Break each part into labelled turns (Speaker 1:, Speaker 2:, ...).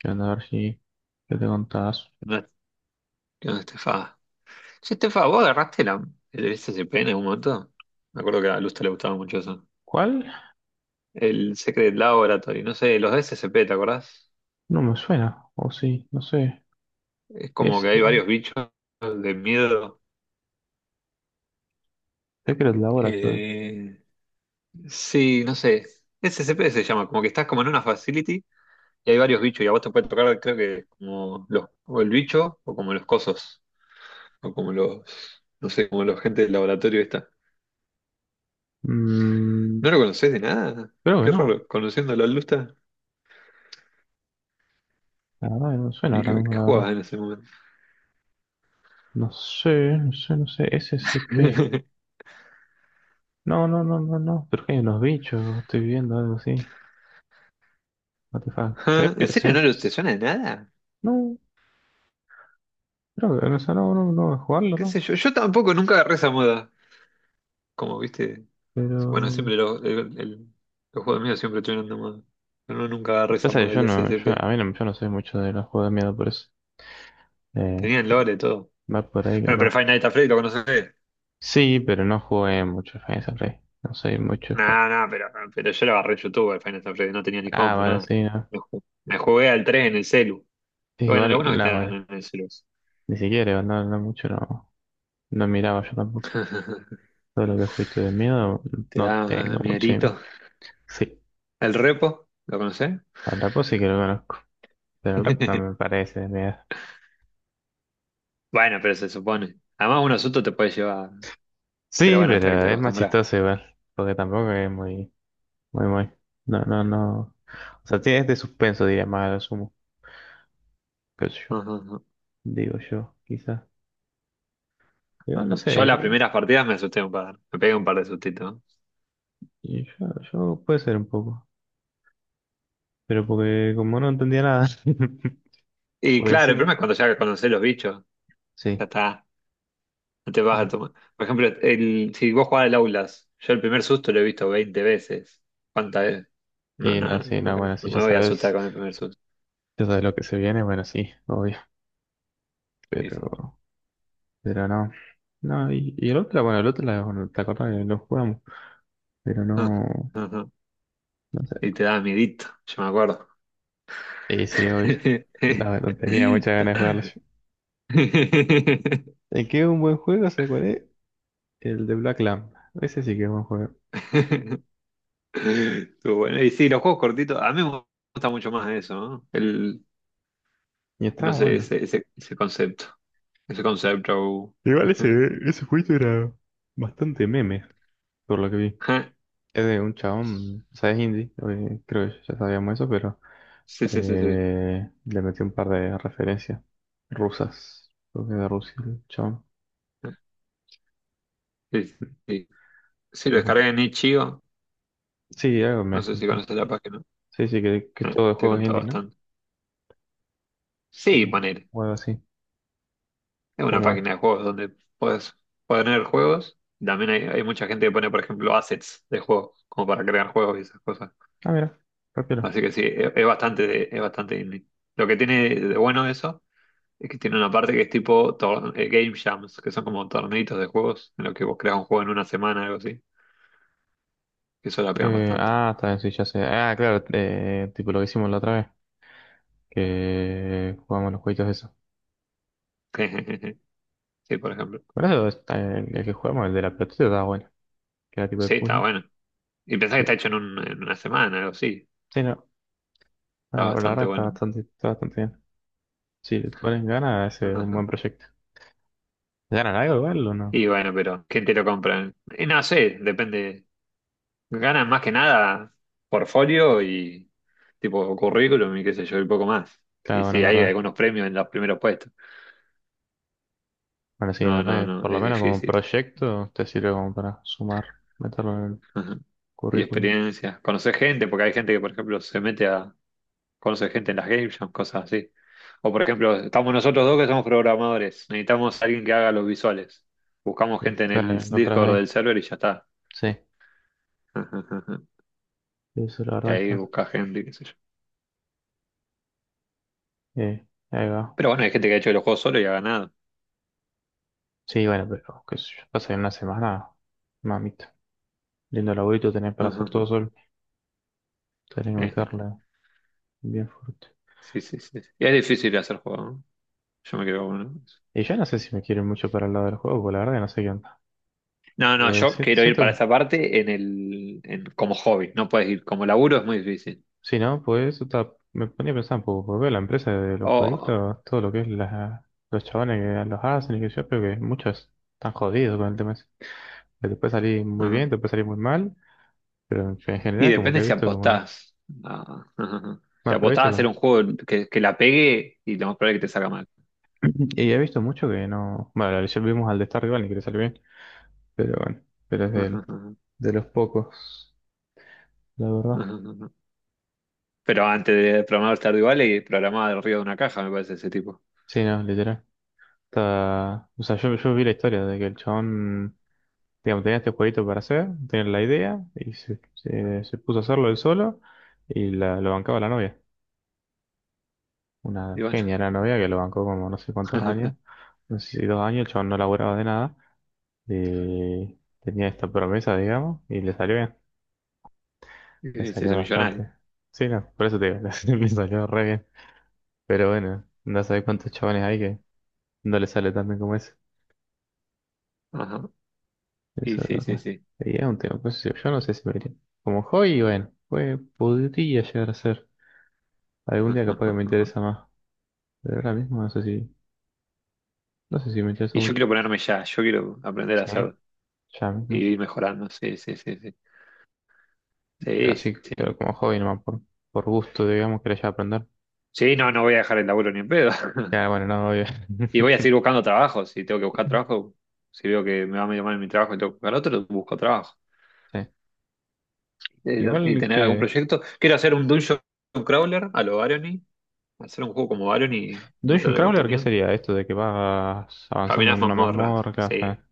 Speaker 1: Que anda a ver si ¿qué te contás?
Speaker 2: No, no, Estefa. Che, Estefa, ¿vos agarraste el SCP en algún momento? Me acuerdo que a Lusta le gustaba mucho eso.
Speaker 1: ¿Cuál?
Speaker 2: El Secret Laboratory, no sé, los SCP, ¿te acordás?
Speaker 1: No me suena. O sí, no sé.
Speaker 2: Es como que
Speaker 1: Es
Speaker 2: hay varios bichos de miedo.
Speaker 1: Secret Laboratory.
Speaker 2: Eh, sí, no sé. SCP se llama, como que estás como en una facility y hay varios bichos y a vos te puede tocar, creo que como los, o el bicho o como los cosos, o como los, no sé, como los gente del laboratorio esta.
Speaker 1: Mm,
Speaker 2: ¿No lo conocés de nada?
Speaker 1: creo que
Speaker 2: Qué
Speaker 1: no.
Speaker 2: raro, conociéndolo a Lusta.
Speaker 1: La verdad que no me suena
Speaker 2: ¿Y
Speaker 1: ahora mismo,
Speaker 2: qué
Speaker 1: la verdad.
Speaker 2: jugabas en ese momento?
Speaker 1: No sé, no sé, no sé. S C P No, no, no, no, no. Pero que hay unos bichos. Estoy viendo algo así. What the fuck. Se,
Speaker 2: Ah, ¿en
Speaker 1: ve-
Speaker 2: serio
Speaker 1: se-
Speaker 2: no te suena de nada?
Speaker 1: no, creo que o sea, no, no, no voy a jugarlo,
Speaker 2: ¿Qué
Speaker 1: ¿no?
Speaker 2: sé yo? Yo tampoco nunca agarré esa moda. Como viste, bueno,
Speaker 1: Pero...
Speaker 2: siempre los juegos míos siempre estuvieron de moda. Pero no, nunca agarré esa
Speaker 1: Pasa que
Speaker 2: moda
Speaker 1: yo
Speaker 2: del
Speaker 1: no, yo,
Speaker 2: SCP.
Speaker 1: a mí no, yo no sé mucho de los juegos de miedo, por eso. Eh,
Speaker 2: Tenían lore, todo.
Speaker 1: va por ahí
Speaker 2: Bueno, pero
Speaker 1: capaz.
Speaker 2: Final Nights at Freddy lo conocés.
Speaker 1: Sí, pero no jugué mucho Final Rey. No soy mucho de jugar.
Speaker 2: No, no, pero yo lo agarré en YouTube, el Final Nights at Freddy. No tenía ni
Speaker 1: Ah,
Speaker 2: compu,
Speaker 1: vale,
Speaker 2: nada.
Speaker 1: sí, no.
Speaker 2: Me jugué al 3 en el celu.
Speaker 1: Sí,
Speaker 2: Bueno, lo
Speaker 1: igual,
Speaker 2: bueno es que te
Speaker 1: la
Speaker 2: dan
Speaker 1: vale.
Speaker 2: en el celu.
Speaker 1: Ni siquiera, no, no mucho, no, no miraba yo tampoco. Todo lo que juguito de miedo,
Speaker 2: Te
Speaker 1: no
Speaker 2: da
Speaker 1: tengo mucho.
Speaker 2: mierito.
Speaker 1: Sí,
Speaker 2: ¿El repo? ¿Lo conocés?
Speaker 1: al rapo sí que lo conozco. Pero el rapo no me parece de miedo.
Speaker 2: Bueno, pero se supone. Además, un susto te puede llevar, pero
Speaker 1: Sí,
Speaker 2: bueno, hasta que te
Speaker 1: pero es más
Speaker 2: acostumbras.
Speaker 1: chistoso igual. Porque tampoco es muy, muy, muy. No, no, no. O sea, tiene este suspenso, diría más a lo sumo. Qué sé yo.
Speaker 2: Ujú, ujú,
Speaker 1: Digo yo, quizás. Igual no
Speaker 2: Ujú.
Speaker 1: sé,
Speaker 2: Yo las
Speaker 1: ¿eh?
Speaker 2: primeras partidas me asusté un par, me pegué un par de sustitos.
Speaker 1: Y Yo, yo puede ser un poco. Pero porque como no entendía nada.
Speaker 2: Y
Speaker 1: Porque
Speaker 2: claro, el
Speaker 1: encima.
Speaker 2: problema es cuando ya conocés los bichos,
Speaker 1: Sí.
Speaker 2: ya está, no te vas a
Speaker 1: No.
Speaker 2: tomar. Por ejemplo, el, si vos jugás al Aulas, yo el primer susto lo he visto 20 veces. ¿Cuántas veces?
Speaker 1: Y no, sí, no, bueno,
Speaker 2: No
Speaker 1: si ya
Speaker 2: me voy a asustar
Speaker 1: sabes,
Speaker 2: con el primer susto.
Speaker 1: ya sabes lo que se viene, bueno, sí, obvio.
Speaker 2: Y sí.
Speaker 1: Pero, pero no. No, y el otro, bueno, el otro, la- bueno, te acordás que lo jugamos. Pero
Speaker 2: Ujú,
Speaker 1: no,
Speaker 2: Ujú.
Speaker 1: no sé.
Speaker 2: Y te da miedito, yo me acuerdo.
Speaker 1: Sí, sí, obvio. No, no tenía muchas ganas de jugarlo yo. El que es un buen juego, ¿sabes cuál es? El de Black Lamb. Ese sí que es buen juego.
Speaker 2: Estuvo bueno. Y sí, los juegos cortitos, a mí me gusta mucho más eso, ¿no?
Speaker 1: Y
Speaker 2: No
Speaker 1: estaba
Speaker 2: sé,
Speaker 1: bueno.
Speaker 2: ese concepto. Ese concepto.
Speaker 1: Igual ese, ese jueguito era bastante meme, por lo que vi.
Speaker 2: Ajá.
Speaker 1: Es de un chabón, o sea, es indie, creo que ya sabíamos eso, pero
Speaker 2: Sí.
Speaker 1: le metí un par de referencias rusas, creo que de Rusia, el chabón,
Speaker 2: Ah, Sí, sí. Sí, lo
Speaker 1: por ejemplo.
Speaker 2: descargué en Itch.io.
Speaker 1: Sí, algo me
Speaker 2: No
Speaker 1: has
Speaker 2: sé si
Speaker 1: contado.
Speaker 2: conoces la página.
Speaker 1: Sí, sí, que es todo de
Speaker 2: Te he
Speaker 1: juegos
Speaker 2: contado
Speaker 1: indie, ¿no?
Speaker 2: bastante. Sí,
Speaker 1: O,
Speaker 2: poner.
Speaker 1: o algo así.
Speaker 2: Es una
Speaker 1: ¿Cómo es?
Speaker 2: página de juegos donde puedes poner juegos. También hay mucha gente que pone, por ejemplo, assets de juegos, como para crear juegos y esas cosas.
Speaker 1: Ah, mira, rápido.
Speaker 2: Así que sí, es bastante indie. Lo que tiene de bueno eso es que tiene una parte que es tipo Game Jams, que son como torneitos de juegos en los que vos creas un juego en 1 semana, algo así. Que eso la pegan bastante.
Speaker 1: Ah, está bien, sí, ya sé. Ah, claro, tipo lo que hicimos la otra vez, que jugamos los jueguitos esos.
Speaker 2: Sí, por ejemplo.
Speaker 1: Por eso está
Speaker 2: Sí,
Speaker 1: el que jugamos, el de la pelotita, estaba bueno, que era tipo de
Speaker 2: sí, está
Speaker 1: puzzle.
Speaker 2: bueno. Y pensás que
Speaker 1: Sí,
Speaker 2: está hecho en, en 1 semana, algo así.
Speaker 1: sí, no. Ah,
Speaker 2: Está
Speaker 1: la verdad
Speaker 2: bastante bueno.
Speaker 1: está bastante bien. Si le pones ganas, ese es un
Speaker 2: Ajá.
Speaker 1: buen proyecto. ¿Ganan algo igual o no?
Speaker 2: Y bueno, pero ¿quién te lo compra? Y no sé, depende. Ganan más que nada portfolio y tipo currículum y qué sé yo, y poco más.
Speaker 1: Claro,
Speaker 2: Y
Speaker 1: bueno,
Speaker 2: sí,
Speaker 1: es
Speaker 2: hay
Speaker 1: verdad.
Speaker 2: algunos premios en los primeros puestos.
Speaker 1: Bueno, sí, es
Speaker 2: No, no,
Speaker 1: verdad que
Speaker 2: no,
Speaker 1: por lo
Speaker 2: es
Speaker 1: menos como un
Speaker 2: difícil.
Speaker 1: proyecto te sirve como para sumar, meterlo en el
Speaker 2: Ajá. Y
Speaker 1: currículum.
Speaker 2: experiencias. Conocer gente, porque hay gente que, por ejemplo, se mete a conocer gente en las game jams, cosas así. O, por ejemplo, estamos nosotros dos que somos programadores. Necesitamos a alguien que haga los visuales. Buscamos
Speaker 1: Y
Speaker 2: gente en el
Speaker 1: claro, encontrás
Speaker 2: Discord
Speaker 1: ahí.
Speaker 2: del server y ya está.
Speaker 1: Sí,
Speaker 2: Ajá.
Speaker 1: eso la
Speaker 2: Y
Speaker 1: verdad
Speaker 2: ahí
Speaker 1: está.
Speaker 2: busca gente, qué sé yo.
Speaker 1: Ahí va.
Speaker 2: Pero bueno, hay gente que ha hecho los juegos solo y ha ganado.
Speaker 1: Sí, bueno, pero qué sé yo, pasa en una semana, mamita. Lindo laburito tenés para hacer
Speaker 2: Ajá.
Speaker 1: todo solo. Tenés que
Speaker 2: Ejé.
Speaker 1: meterle bien fuerte.
Speaker 2: Sí. Y es difícil hacer juego, ¿no? Yo me quedo con uno.
Speaker 1: Y yo no sé si me quieren mucho para el lado del juego, porque la verdad que no sé qué onda.
Speaker 2: No, no,
Speaker 1: Pues
Speaker 2: yo
Speaker 1: si-
Speaker 2: quiero ir
Speaker 1: siento
Speaker 2: para
Speaker 1: que
Speaker 2: esa parte en como hobby. No puedes ir como laburo, es muy difícil.
Speaker 1: sí, ¿no? Pues o me ponía a pensar un poco, porque veo la empresa de los
Speaker 2: Oh,
Speaker 1: jueguitos, todo lo que es la, los chabones que los hacen y que yo creo que muchos están jodidos con el tema ese. Que te puede salir muy
Speaker 2: ajá.
Speaker 1: bien, te puede salir muy mal, pero en
Speaker 2: Y
Speaker 1: general como que
Speaker 2: depende
Speaker 1: he
Speaker 2: si
Speaker 1: visto como... que-
Speaker 2: apostás. a- Si
Speaker 1: Bueno, pero he
Speaker 2: apostás a
Speaker 1: visto
Speaker 2: hacer un
Speaker 1: como...
Speaker 2: juego que la pegue y lo más probable es que te salga mal.
Speaker 1: Y he visto mucho que no... Bueno, ayer vimos al de Stardew Valley que le salió bien, pero bueno, pero es del, de los pocos, la verdad.
Speaker 2: Pero antes de programar Stardew Valley, programaba del río de una caja, me parece ese tipo.
Speaker 1: Sí, no, literal. Está... O sea, yo vi la historia de que el chabón... Digamos, tenía este jueguito para hacer, tenía la idea y se- se puso a hacerlo él solo y la, lo bancaba la novia.
Speaker 2: Y
Speaker 1: Una
Speaker 2: bueno,
Speaker 1: genia la novia que lo bancó como no sé cuántos años, no sé si dos años, el chabón no laburaba de nada. Tenía esta promesa, digamos, y le salió bien, le
Speaker 2: y se
Speaker 1: salió
Speaker 2: hizo millonario.
Speaker 1: bastante. Sí, no, por eso te digo, le salió re bien. Pero bueno, no sabés cuántos chabones hay que no le sale tan bien como ese.
Speaker 2: Ajá. Y
Speaker 1: Eso es verdad.
Speaker 2: sí.
Speaker 1: Y es un tema, pues yo no sé si me iría. Como hobby, bueno, pues podría llegar a ser. Algún día capaz que me interesa más. Pero ahora mismo no sé si, no sé si me interesa
Speaker 2: Y yo
Speaker 1: mucho.
Speaker 2: quiero ponerme ya, yo quiero aprender a
Speaker 1: Sí,
Speaker 2: hacerlo
Speaker 1: ya
Speaker 2: y
Speaker 1: mismo.
Speaker 2: ir mejorando. Sí.
Speaker 1: Yo
Speaker 2: Sí,
Speaker 1: así,
Speaker 2: sí.
Speaker 1: pero como hobby nomás, por gusto, digamos, quería ya aprender.
Speaker 2: Sí, no, no voy a dejar el laburo ni en pedo.
Speaker 1: Ya, bueno, no, obvio.
Speaker 2: Y voy a seguir buscando trabajo. Si tengo que buscar trabajo, si veo que me va medio mal en mi trabajo y tengo que buscar otro, busco trabajo.
Speaker 1: Sí.
Speaker 2: Y
Speaker 1: Igual
Speaker 2: tener algún
Speaker 1: que.
Speaker 2: proyecto. Quiero hacer un dungeon crawler a lo Barony. Hacer un juego como Barony y
Speaker 1: Dungeon
Speaker 2: meterle
Speaker 1: Crawler, ¿qué
Speaker 2: contenido.
Speaker 1: sería esto de que vas avanzando
Speaker 2: Caminas
Speaker 1: en una
Speaker 2: mazmorras.
Speaker 1: mazmorra? Ta,
Speaker 2: Sí,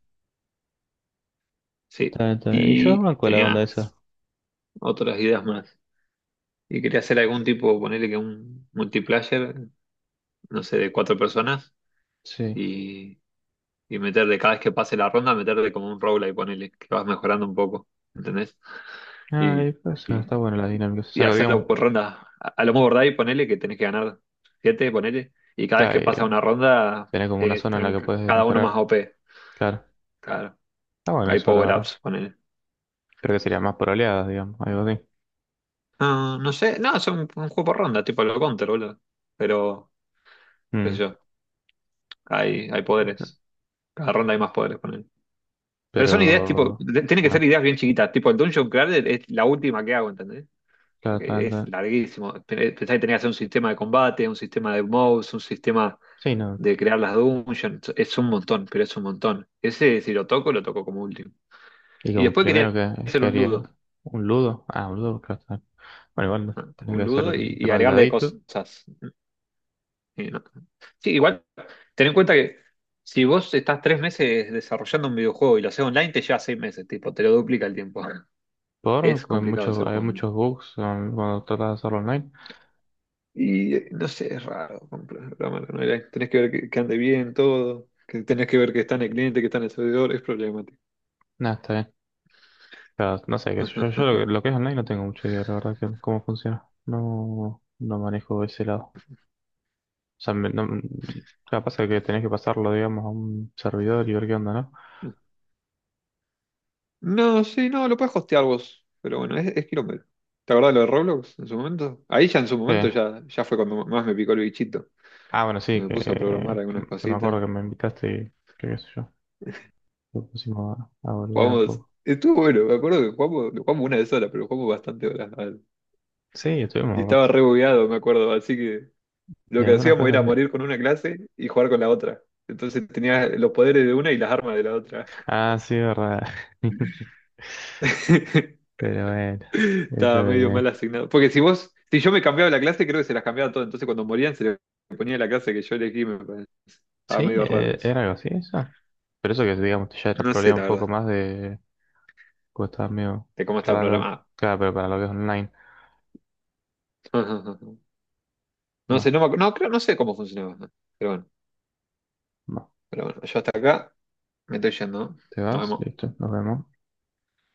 Speaker 2: sí.
Speaker 1: ta, ta. Y yo
Speaker 2: Y
Speaker 1: banco la
Speaker 2: tenía
Speaker 1: onda esa.
Speaker 2: otras ideas más. Y quería hacer algún tipo, ponerle que un multiplayer, no sé, de 4 personas.
Speaker 1: Sí.
Speaker 2: Y, y meterle, cada vez que pase la ronda, meterle como un roguelike, ponerle, que vas mejorando un poco. ¿Entendés?
Speaker 1: Ah,
Speaker 2: Y,
Speaker 1: y pues está buena la dinámica. O
Speaker 2: y
Speaker 1: sea, que, digamos,
Speaker 2: hacerlo por ronda. A lo mejor ¿verdad? Y ponele que tenés que ganar 7, ponele. Y cada vez
Speaker 1: claro,
Speaker 2: que pasa una ronda,
Speaker 1: tenés como una zona en la
Speaker 2: están
Speaker 1: que
Speaker 2: c-
Speaker 1: puedes
Speaker 2: cada uno más
Speaker 1: mejorar.
Speaker 2: OP.
Speaker 1: Claro.
Speaker 2: Claro,
Speaker 1: Está bueno
Speaker 2: hay
Speaker 1: eso, la verdad.
Speaker 2: power-ups, ponele.
Speaker 1: Creo que sería más por oleadas, digamos, algo así.
Speaker 2: Ah, no sé, no, es un juego por ronda, tipo el Counter, boludo. Pero, qué sé
Speaker 1: Mm.
Speaker 2: yo, hay poderes. Cada ronda hay más poderes, ponele. Pero son ideas, tipo,
Speaker 1: Pero,
Speaker 2: tienen que ser
Speaker 1: claro,
Speaker 2: ideas bien chiquitas. Tipo, el Dungeon Crawler es la última que hago, ¿entendés?
Speaker 1: claro,
Speaker 2: Porque
Speaker 1: tal,
Speaker 2: es
Speaker 1: tal.
Speaker 2: larguísimo. Pensá que tenés que hacer un sistema de combate, un sistema de moves, un sistema
Speaker 1: Sí, no.
Speaker 2: de crear las dungeons, es un montón, pero es un montón. Ese, si lo toco, lo toco como último.
Speaker 1: Y
Speaker 2: Y
Speaker 1: como
Speaker 2: después
Speaker 1: primero
Speaker 2: quería hacer
Speaker 1: que
Speaker 2: un
Speaker 1: haría
Speaker 2: ludo,
Speaker 1: un ludo. Ah, un ludo, claro, tal. Bueno, igual
Speaker 2: ¿no?
Speaker 1: tenés que
Speaker 2: Un
Speaker 1: hacer
Speaker 2: ludo
Speaker 1: el de
Speaker 2: y agregarle
Speaker 1: maldadito.
Speaker 2: cosas. Y no- Sí, igual, ten en cuenta que si vos estás 3 meses desarrollando un videojuego y lo haces online, te lleva 6 meses, tipo, te lo duplica el tiempo.
Speaker 1: Por,
Speaker 2: Es
Speaker 1: pues
Speaker 2: complicado
Speaker 1: muchos,
Speaker 2: hacer
Speaker 1: hay
Speaker 2: juegos online.
Speaker 1: muchos bugs cuando tratas de hacerlo online.
Speaker 2: Y no sé, es raro programar en online. Tenés que ver que ande bien todo, que tenés que ver que está en el cliente, que está en el servidor, es problemático.
Speaker 1: Nada, está bien. Claro, no sé, qué sé yo, yo lo que es online no tengo mucha idea, la verdad, que cómo funciona. No, no manejo ese lado. O sea, me- no, claro, pasa que tenés que pasarlo, digamos, a un servidor y ver qué onda, ¿no?
Speaker 2: No, sí, no, lo puedes hostear vos. Pero bueno, es quilombo. ¿Te acordás de lo de Roblox en su momento? Ahí ya en su momento
Speaker 1: Eh,
Speaker 2: ya fue cuando más me picó el bichito,
Speaker 1: ah, bueno,
Speaker 2: que
Speaker 1: sí,
Speaker 2: me puse a programar algunas
Speaker 1: que me
Speaker 2: cositas.
Speaker 1: acuerdo que me invitaste y que qué sé yo. Lo pusimos a volver un
Speaker 2: Jugamos.
Speaker 1: poco.
Speaker 2: Estuvo bueno, me acuerdo que jugamos, lo jugamos una de sola, pero jugamos bastante horas.
Speaker 1: Sí, estuvimos
Speaker 2: Y
Speaker 1: un
Speaker 2: estaba
Speaker 1: rato.
Speaker 2: re bugueado, me acuerdo. Así que
Speaker 1: Y
Speaker 2: lo que
Speaker 1: algunas
Speaker 2: hacíamos
Speaker 1: cosas.
Speaker 2: era
Speaker 1: De-
Speaker 2: morir con una clase y jugar con la otra. Entonces tenía los poderes de una y las armas de la otra.
Speaker 1: Ah, sí, verdad. Pero bueno, es lo
Speaker 2: Estaba
Speaker 1: de
Speaker 2: medio mal
Speaker 1: menos.
Speaker 2: asignado. Porque si yo me cambiaba la clase, creo que se las cambiaba todo. Entonces cuando morían se le ponía la clase que yo elegí, me parece. Estaba
Speaker 1: Sí,
Speaker 2: medio raro eso.
Speaker 1: era algo así, eso. Pero eso que digamos ya era
Speaker 2: No sé,
Speaker 1: problema
Speaker 2: la
Speaker 1: un poco
Speaker 2: verdad,
Speaker 1: más de. Pues estaba medio
Speaker 2: de cómo estaba
Speaker 1: raro.
Speaker 2: programado.
Speaker 1: Claro, pero para lo que es online.
Speaker 2: No sé,
Speaker 1: Más,
Speaker 2: no, creo, no sé cómo funcionaba. Pero bueno,
Speaker 1: más.
Speaker 2: pero bueno, yo hasta acá me estoy yendo, ¿no?
Speaker 1: ¿Te
Speaker 2: Nos
Speaker 1: vas?
Speaker 2: vemos.
Speaker 1: Listo, nos vemos.